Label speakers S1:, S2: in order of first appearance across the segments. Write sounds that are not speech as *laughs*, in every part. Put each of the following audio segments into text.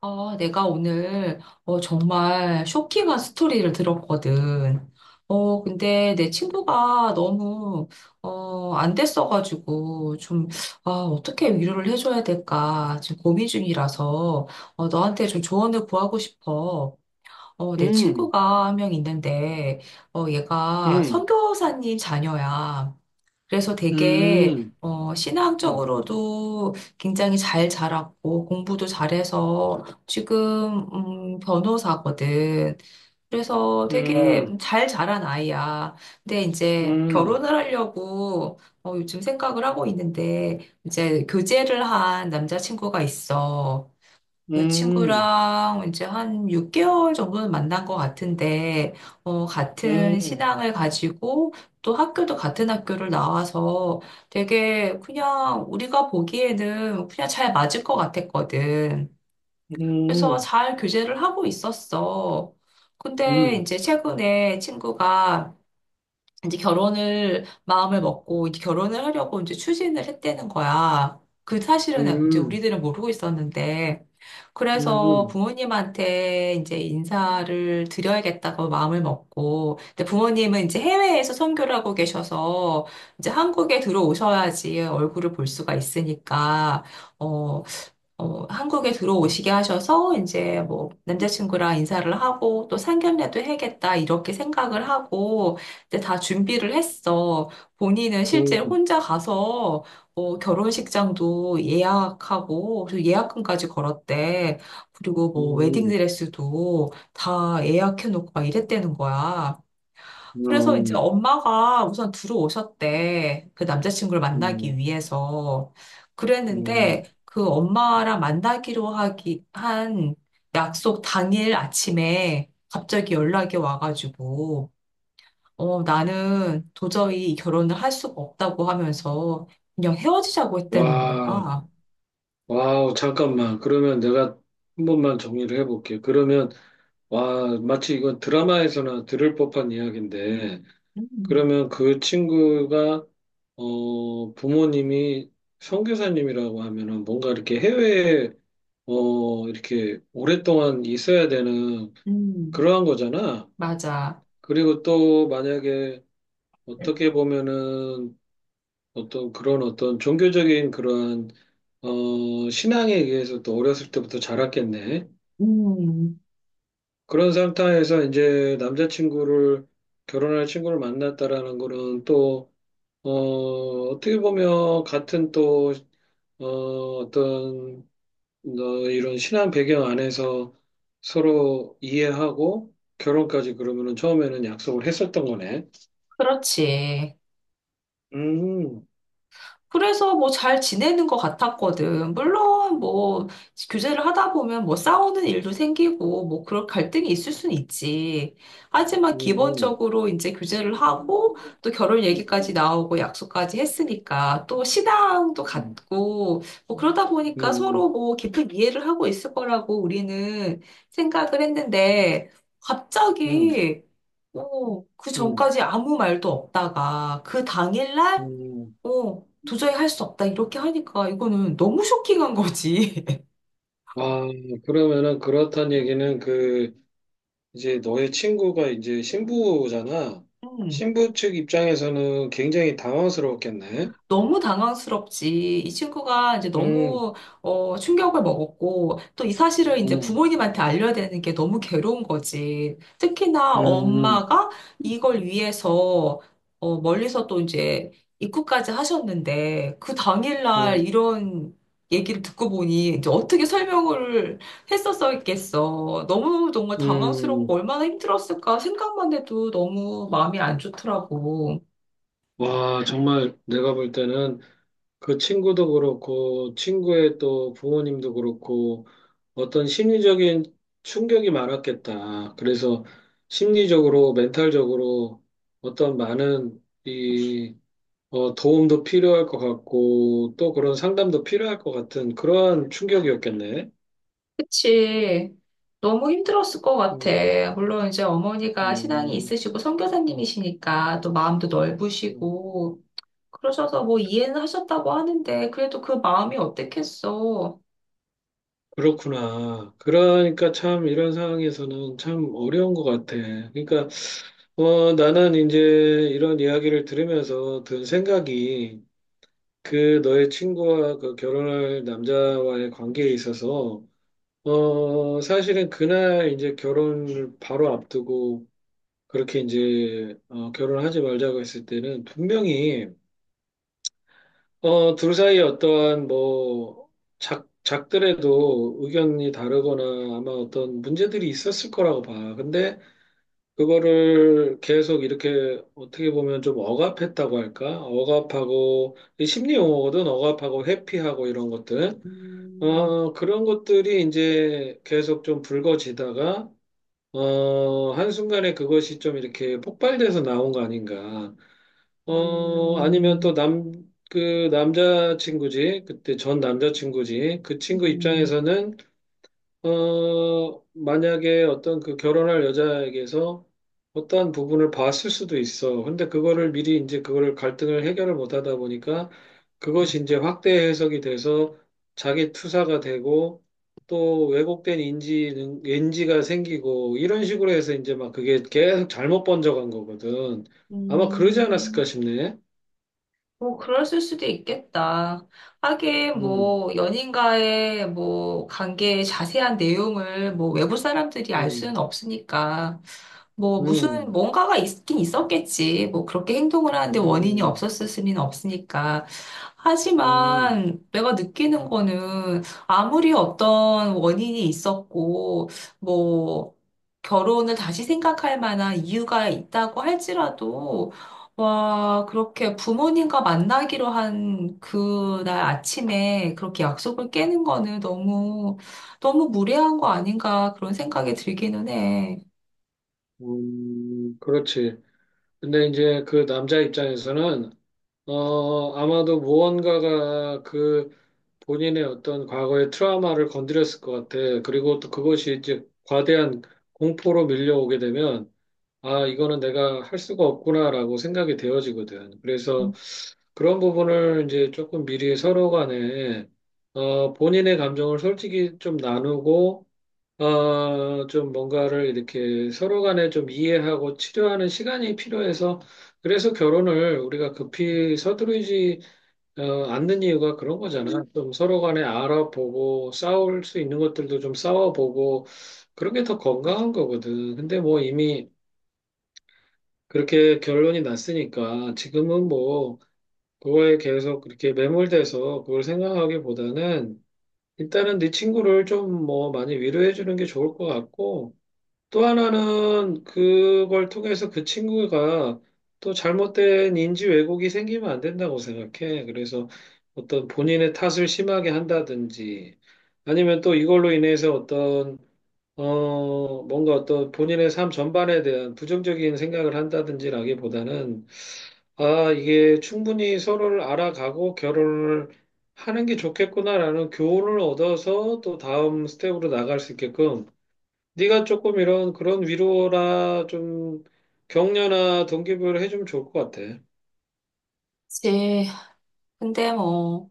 S1: 내가 오늘 정말 쇼킹한 스토리를 들었거든. 근데 내 친구가 너무 안 됐어가지고 좀 어떻게 위로를 해줘야 될까 지금 고민 중이라서 너한테 좀 조언을 구하고 싶어. 내
S2: 음,
S1: 친구가 한 명 있는데 얘가
S2: 음,
S1: 선교사님 자녀야. 그래서 되게
S2: 음, 음,
S1: 신앙적으로도 굉장히 잘 자랐고 공부도 잘해서 지금 변호사거든. 그래서 되게
S2: 음,
S1: 잘 자란 아이야. 근데 이제
S2: 음, 음,
S1: 결혼을 하려고 요즘 생각을 하고 있는데 이제 교제를 한 남자친구가 있어. 그
S2: 음,
S1: 친구랑 이제 한 6개월 정도는 만난 것 같은데,
S2: 음,
S1: 같은
S2: 음,
S1: 신앙을 가지고 또 학교도 같은 학교를 나와서 되게 그냥 우리가 보기에는 그냥 잘 맞을 것 같았거든. 그래서
S2: 음,
S1: 잘 교제를 하고 있었어. 근데
S2: 음,
S1: 이제 최근에 친구가 이제 결혼을 마음을 먹고 이제 결혼을 하려고 이제 추진을 했다는 거야. 그 사실은 이제
S2: 음,
S1: 우리들은 모르고 있었는데 그래서 부모님한테 이제 인사를 드려야겠다고 마음을 먹고 근데 부모님은 이제 해외에서 선교를 하고 계셔서 이제 한국에 들어오셔야지 얼굴을 볼 수가 있으니까 어, 한국에 들어오시게 하셔서 이제 뭐 남자친구랑 인사를 하고 또 상견례도 해야겠다 이렇게 생각을 하고 이제 다 준비를 했어. 본인은 실제 혼자 가서 결혼식장도 예약하고 또 예약금까지 걸었대. 그리고 뭐 웨딩드레스도 다 예약해놓고 막 이랬다는 거야.
S2: 음,
S1: 그래서 이제
S2: 음,
S1: 엄마가 우선 들어오셨대. 그 남자친구를 만나기
S2: 음,
S1: 위해서. 그랬는데
S2: 음.
S1: 그 엄마랑 만나기로 하기 한 약속 당일 아침에 갑자기 연락이 와가지고, 나는 도저히 이 결혼을 할 수가 없다고 하면서 그냥 헤어지자고 했다는
S2: 와,
S1: 거야.
S2: 와우, 잠깐만. 그러면 내가 한 번만 정리를 해볼게. 그러면, 와, 마치 이건 드라마에서나 들을 법한 이야기인데,
S1: 음,
S2: 그러면 그 친구가 부모님이 선교사님이라고 하면은 뭔가 이렇게 해외에 이렇게 오랫동안 있어야 되는
S1: 음,
S2: 그러한 거잖아.
S1: 맞아.
S2: 그리고 또 만약에 어떻게 보면은 어떤 그런 어떤 종교적인 그러한 신앙에 의해서 또 어렸을 때부터 자랐겠네.
S1: 음,
S2: 그런 상태에서 이제 남자친구를 결혼할 친구를 만났다라는 거는 또 어, 어떻게 보면 같은 또, 어, 어떤, 너 이런 신앙 배경 안에서 서로 이해하고 결혼까지 그러면은 처음에는 약속을 했었던 거네.
S1: 그렇지.
S2: 음,
S1: 그래서 뭐 잘 지내는 것 같았거든. 물론 뭐 교제를 하다 보면 뭐 싸우는 일도 생기고 뭐 그런 갈등이 있을 순 있지. 하지만
S2: 음,
S1: 기본적으로 이제 교제를 하고 또 결혼 얘기까지 나오고 약속까지 했으니까 또 신앙도
S2: 음,
S1: 같고 뭐 그러다 보니까 서로
S2: 음,
S1: 뭐 깊은 이해를 하고 있을 거라고 우리는 생각을 했는데
S2: 음,
S1: 갑자기 그
S2: 음,
S1: 전까지 아무 말도 없다가 그 당일날
S2: 음.
S1: 도저히 할 수 없다. 이렇게 하니까 이거는 너무 쇼킹한 거지. *laughs*
S2: 와, 그러면은 그렇단 얘기는 그, 이제 너의 친구가 이제 신부잖아.
S1: 음.
S2: 신부 측 입장에서는 굉장히 당황스러웠겠네.
S1: 너무 당황스럽지. 이 친구가 이제
S2: 음,
S1: 너무 충격을 먹었고 또 이 사실을 이제
S2: 음.
S1: 부모님한테 알려야 되는 게 너무 괴로운 거지. 특히나
S2: 음,
S1: 엄마가 이걸 위해서 멀리서 또 이제 입국까지 하셨는데 그 당일날
S2: 음,
S1: 이런 얘기를 듣고 보니 이제 어떻게 설명을 했었겠어. 너무 정말 당황스럽고
S2: 음.
S1: 얼마나 힘들었을까 생각만 해도 너무 마음이 안 좋더라고.
S2: 와, 정말 내가 볼 때는 그 친구도 그렇고, 친구의 또 부모님도 그렇고, 어떤 심리적인 충격이 많았겠다. 그래서 심리적으로, 멘탈적으로 어떤 많은 도움도 필요할 것 같고, 또 그런 상담도 필요할 것 같은 그러한 충격이었겠네.
S1: 그치. 너무 힘들었을 것 같아.
S2: 음,
S1: 물론 이제 어머니가 신앙이
S2: 음.
S1: 있으시고 선교사님이시니까 또 마음도
S2: 음.
S1: 넓으시고 그러셔서 뭐 이해는 하셨다고 하는데 그래도 그 마음이 어땠겠어.
S2: 그렇구나. 그러니까 참 이런 상황에서는 참 어려운 것 같아. 그러니까 나는 이제 이런 이야기를 들으면서 든 생각이 그 너의 친구와 그 결혼할 남자와의 관계에 있어서 사실은 그날 이제 결혼을 바로 앞두고 그렇게 이제 결혼하지 말자고 했을 때는 분명히 둘 사이 어떠한 뭐 작들에도 의견이 다르거나 아마 어떤 문제들이 있었을 거라고 봐. 근데 그거를 계속 이렇게 어떻게 보면 좀 억압했다고 할까? 억압하고 이 심리 용어거든. 억압하고 회피하고 이런 것들.
S1: 음,
S2: 그런 것들이 이제 계속 좀 불거지다가 한순간에 그것이 좀 이렇게 폭발돼서 나온 거 아닌가. 어, 아니면 또
S1: 음,
S2: 남, 그 남자친구지, 그때 전 남자친구지, 그 친구
S1: 음,
S2: 입장에서는, 만약에 어떤 그 결혼할 여자에게서 어떠한 부분을 봤을 수도 있어. 근데 그거를 미리 이제 그거를 갈등을 해결을 못 하다 보니까 그것이 이제 확대 해석이 돼서 자기 투사가 되고 또 왜곡된 인지가 생기고 이런 식으로 해서 이제 막 그게 계속 잘못 번져간 거거든. 아마 그러지
S1: 음.
S2: 않았을까 싶네.
S1: 뭐, 그랬을 수도 있겠다. 하긴,
S2: 음,
S1: 뭐, 연인과의, 뭐, 관계의 자세한 내용을, 뭐, 외부 사람들이 알
S2: 음,
S1: 수는 없으니까. 뭐, 무슨,
S2: 음,
S1: 뭔가가 있긴 있었겠지. 뭐, 그렇게 행동을 하는데 원인이
S2: 음,
S1: 없었을 수는 없으니까.
S2: 음,
S1: 하지만 내가 느끼는 거는 아무리 어떤 원인이 있었고, 뭐, 결혼을 다시 생각할 만한 이유가 있다고 할지라도 와, 그렇게 부모님과 만나기로 한 그날 아침에 그렇게 약속을 깨는 거는 너무, 너무 무례한 거 아닌가 그런 생각이 들기는 해.
S2: 그렇지. 근데 이제 그 남자 입장에서는, 아마도 무언가가 그 본인의 어떤 과거의 트라우마를 건드렸을 것 같아. 그리고 또 그것이 이제 과대한 공포로 밀려오게 되면, 아, 이거는 내가 할 수가 없구나라고 생각이 되어지거든. 그래서 그런 부분을 이제 조금 미리 서로 간에, 본인의 감정을 솔직히 좀 나누고, 좀 뭔가를 이렇게 서로 간에 좀 이해하고 치료하는 시간이 필요해서 그래서 결혼을 우리가 급히 서두르지 않는 이유가 그런 거잖아. 좀 서로 간에 알아보고 싸울 수 있는 것들도 좀 싸워보고 그런 게 더 건강한 거거든. 근데 뭐 이미 그렇게 결론이 났으니까 지금은 뭐 그거에 계속 그렇게 매몰돼서 그걸 생각하기보다는 일단은 네 친구를 좀 뭐 많이 위로해 주는 게 좋을 것 같고 또 하나는 그걸 통해서 그 친구가 또 잘못된 인지 왜곡이 생기면 안 된다고 생각해. 그래서 어떤 본인의 탓을 심하게 한다든지 아니면 또 이걸로 인해서 어떤 뭔가 어떤 본인의 삶 전반에 대한 부정적인 생각을 한다든지라기보다는 아 이게 충분히 서로를 알아가고 결혼을 하는 게 좋겠구나라는 교훈을 얻어서 또 다음 스텝으로 나갈 수 있게끔 네가 조금 이런 그런 위로나 좀 격려나 동기부여를 해주면 좋을 것 같아.
S1: 그치. 근데 뭐,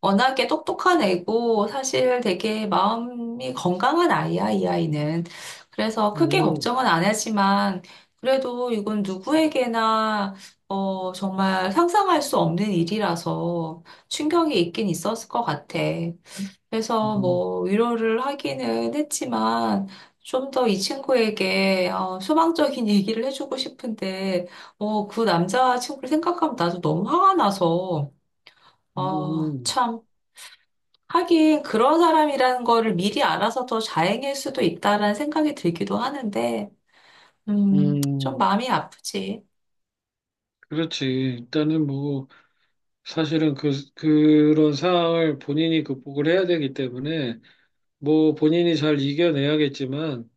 S1: 워낙에 똑똑한 애고 사실 되게 마음이 건강한 아이야, 이 아이는. 그래서 크게
S2: 음,
S1: 걱정은 안 하지만 그래도 이건 누구에게나 정말 상상할 수 없는 일이라서 충격이 있긴 있었을 것 같아. 그래서
S2: 음,
S1: 뭐 위로를 하기는 했지만 좀 더 이 친구에게 소망적인 *laughs* 얘기를 해주고 싶은데 그 남자친구를 생각하면 나도 너무 화가 나서
S2: 음,
S1: 참 하긴 그런 사람이라는 거를 미리 알아서 더 자행일 수도 있다라는 생각이 들기도 하는데 좀
S2: 음,
S1: 마음이 아프지.
S2: 그렇지. 일단은 뭐 사실은 그런 상황을 본인이 극복을 해야 되기 때문에 뭐 본인이 잘 이겨내야겠지만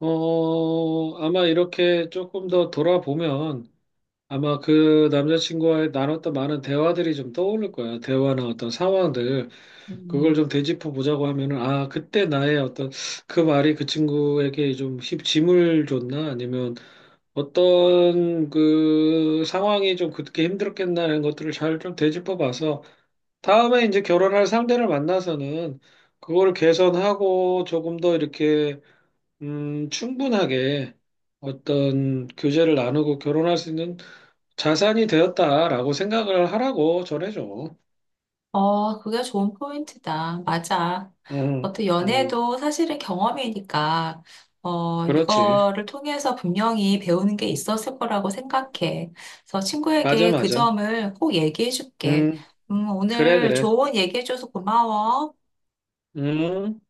S2: 아마 이렇게 조금 더 돌아보면 아마 그 남자친구와의 나눴던 많은 대화들이 좀 떠오를 거야. 대화나 어떤 상황들. 그걸
S1: 음.
S2: 좀 되짚어 보자고 하면은, 아, 그때 나의 어떤, 그 말이 그 친구에게 좀 짐을 줬나? 아니면 어떤 그 상황이 좀 그렇게 힘들었겠나? 이런 것들을 잘 좀 되짚어 봐서, 다음에 이제 결혼할 상대를 만나서는 그거를 개선하고 조금 더 이렇게, 충분하게 어떤 교제를 나누고 결혼할 수 있는 자산이 되었다라고 생각을 하라고 전해줘.
S1: 그게 좋은 포인트다. 맞아.
S2: 응,
S1: 어떤
S2: 응,
S1: 연애도 사실은 경험이니까,
S2: 그렇지.
S1: 이거를 통해서 분명히 배우는 게 있었을 거라고 생각해. 그래서
S2: 맞아,
S1: 친구에게 그
S2: 맞아.
S1: 점을 꼭 얘기해 줄게.
S2: 음, 그래,
S1: 오늘
S2: 그래.
S1: 좋은 얘기해줘서 고마워.
S2: 음.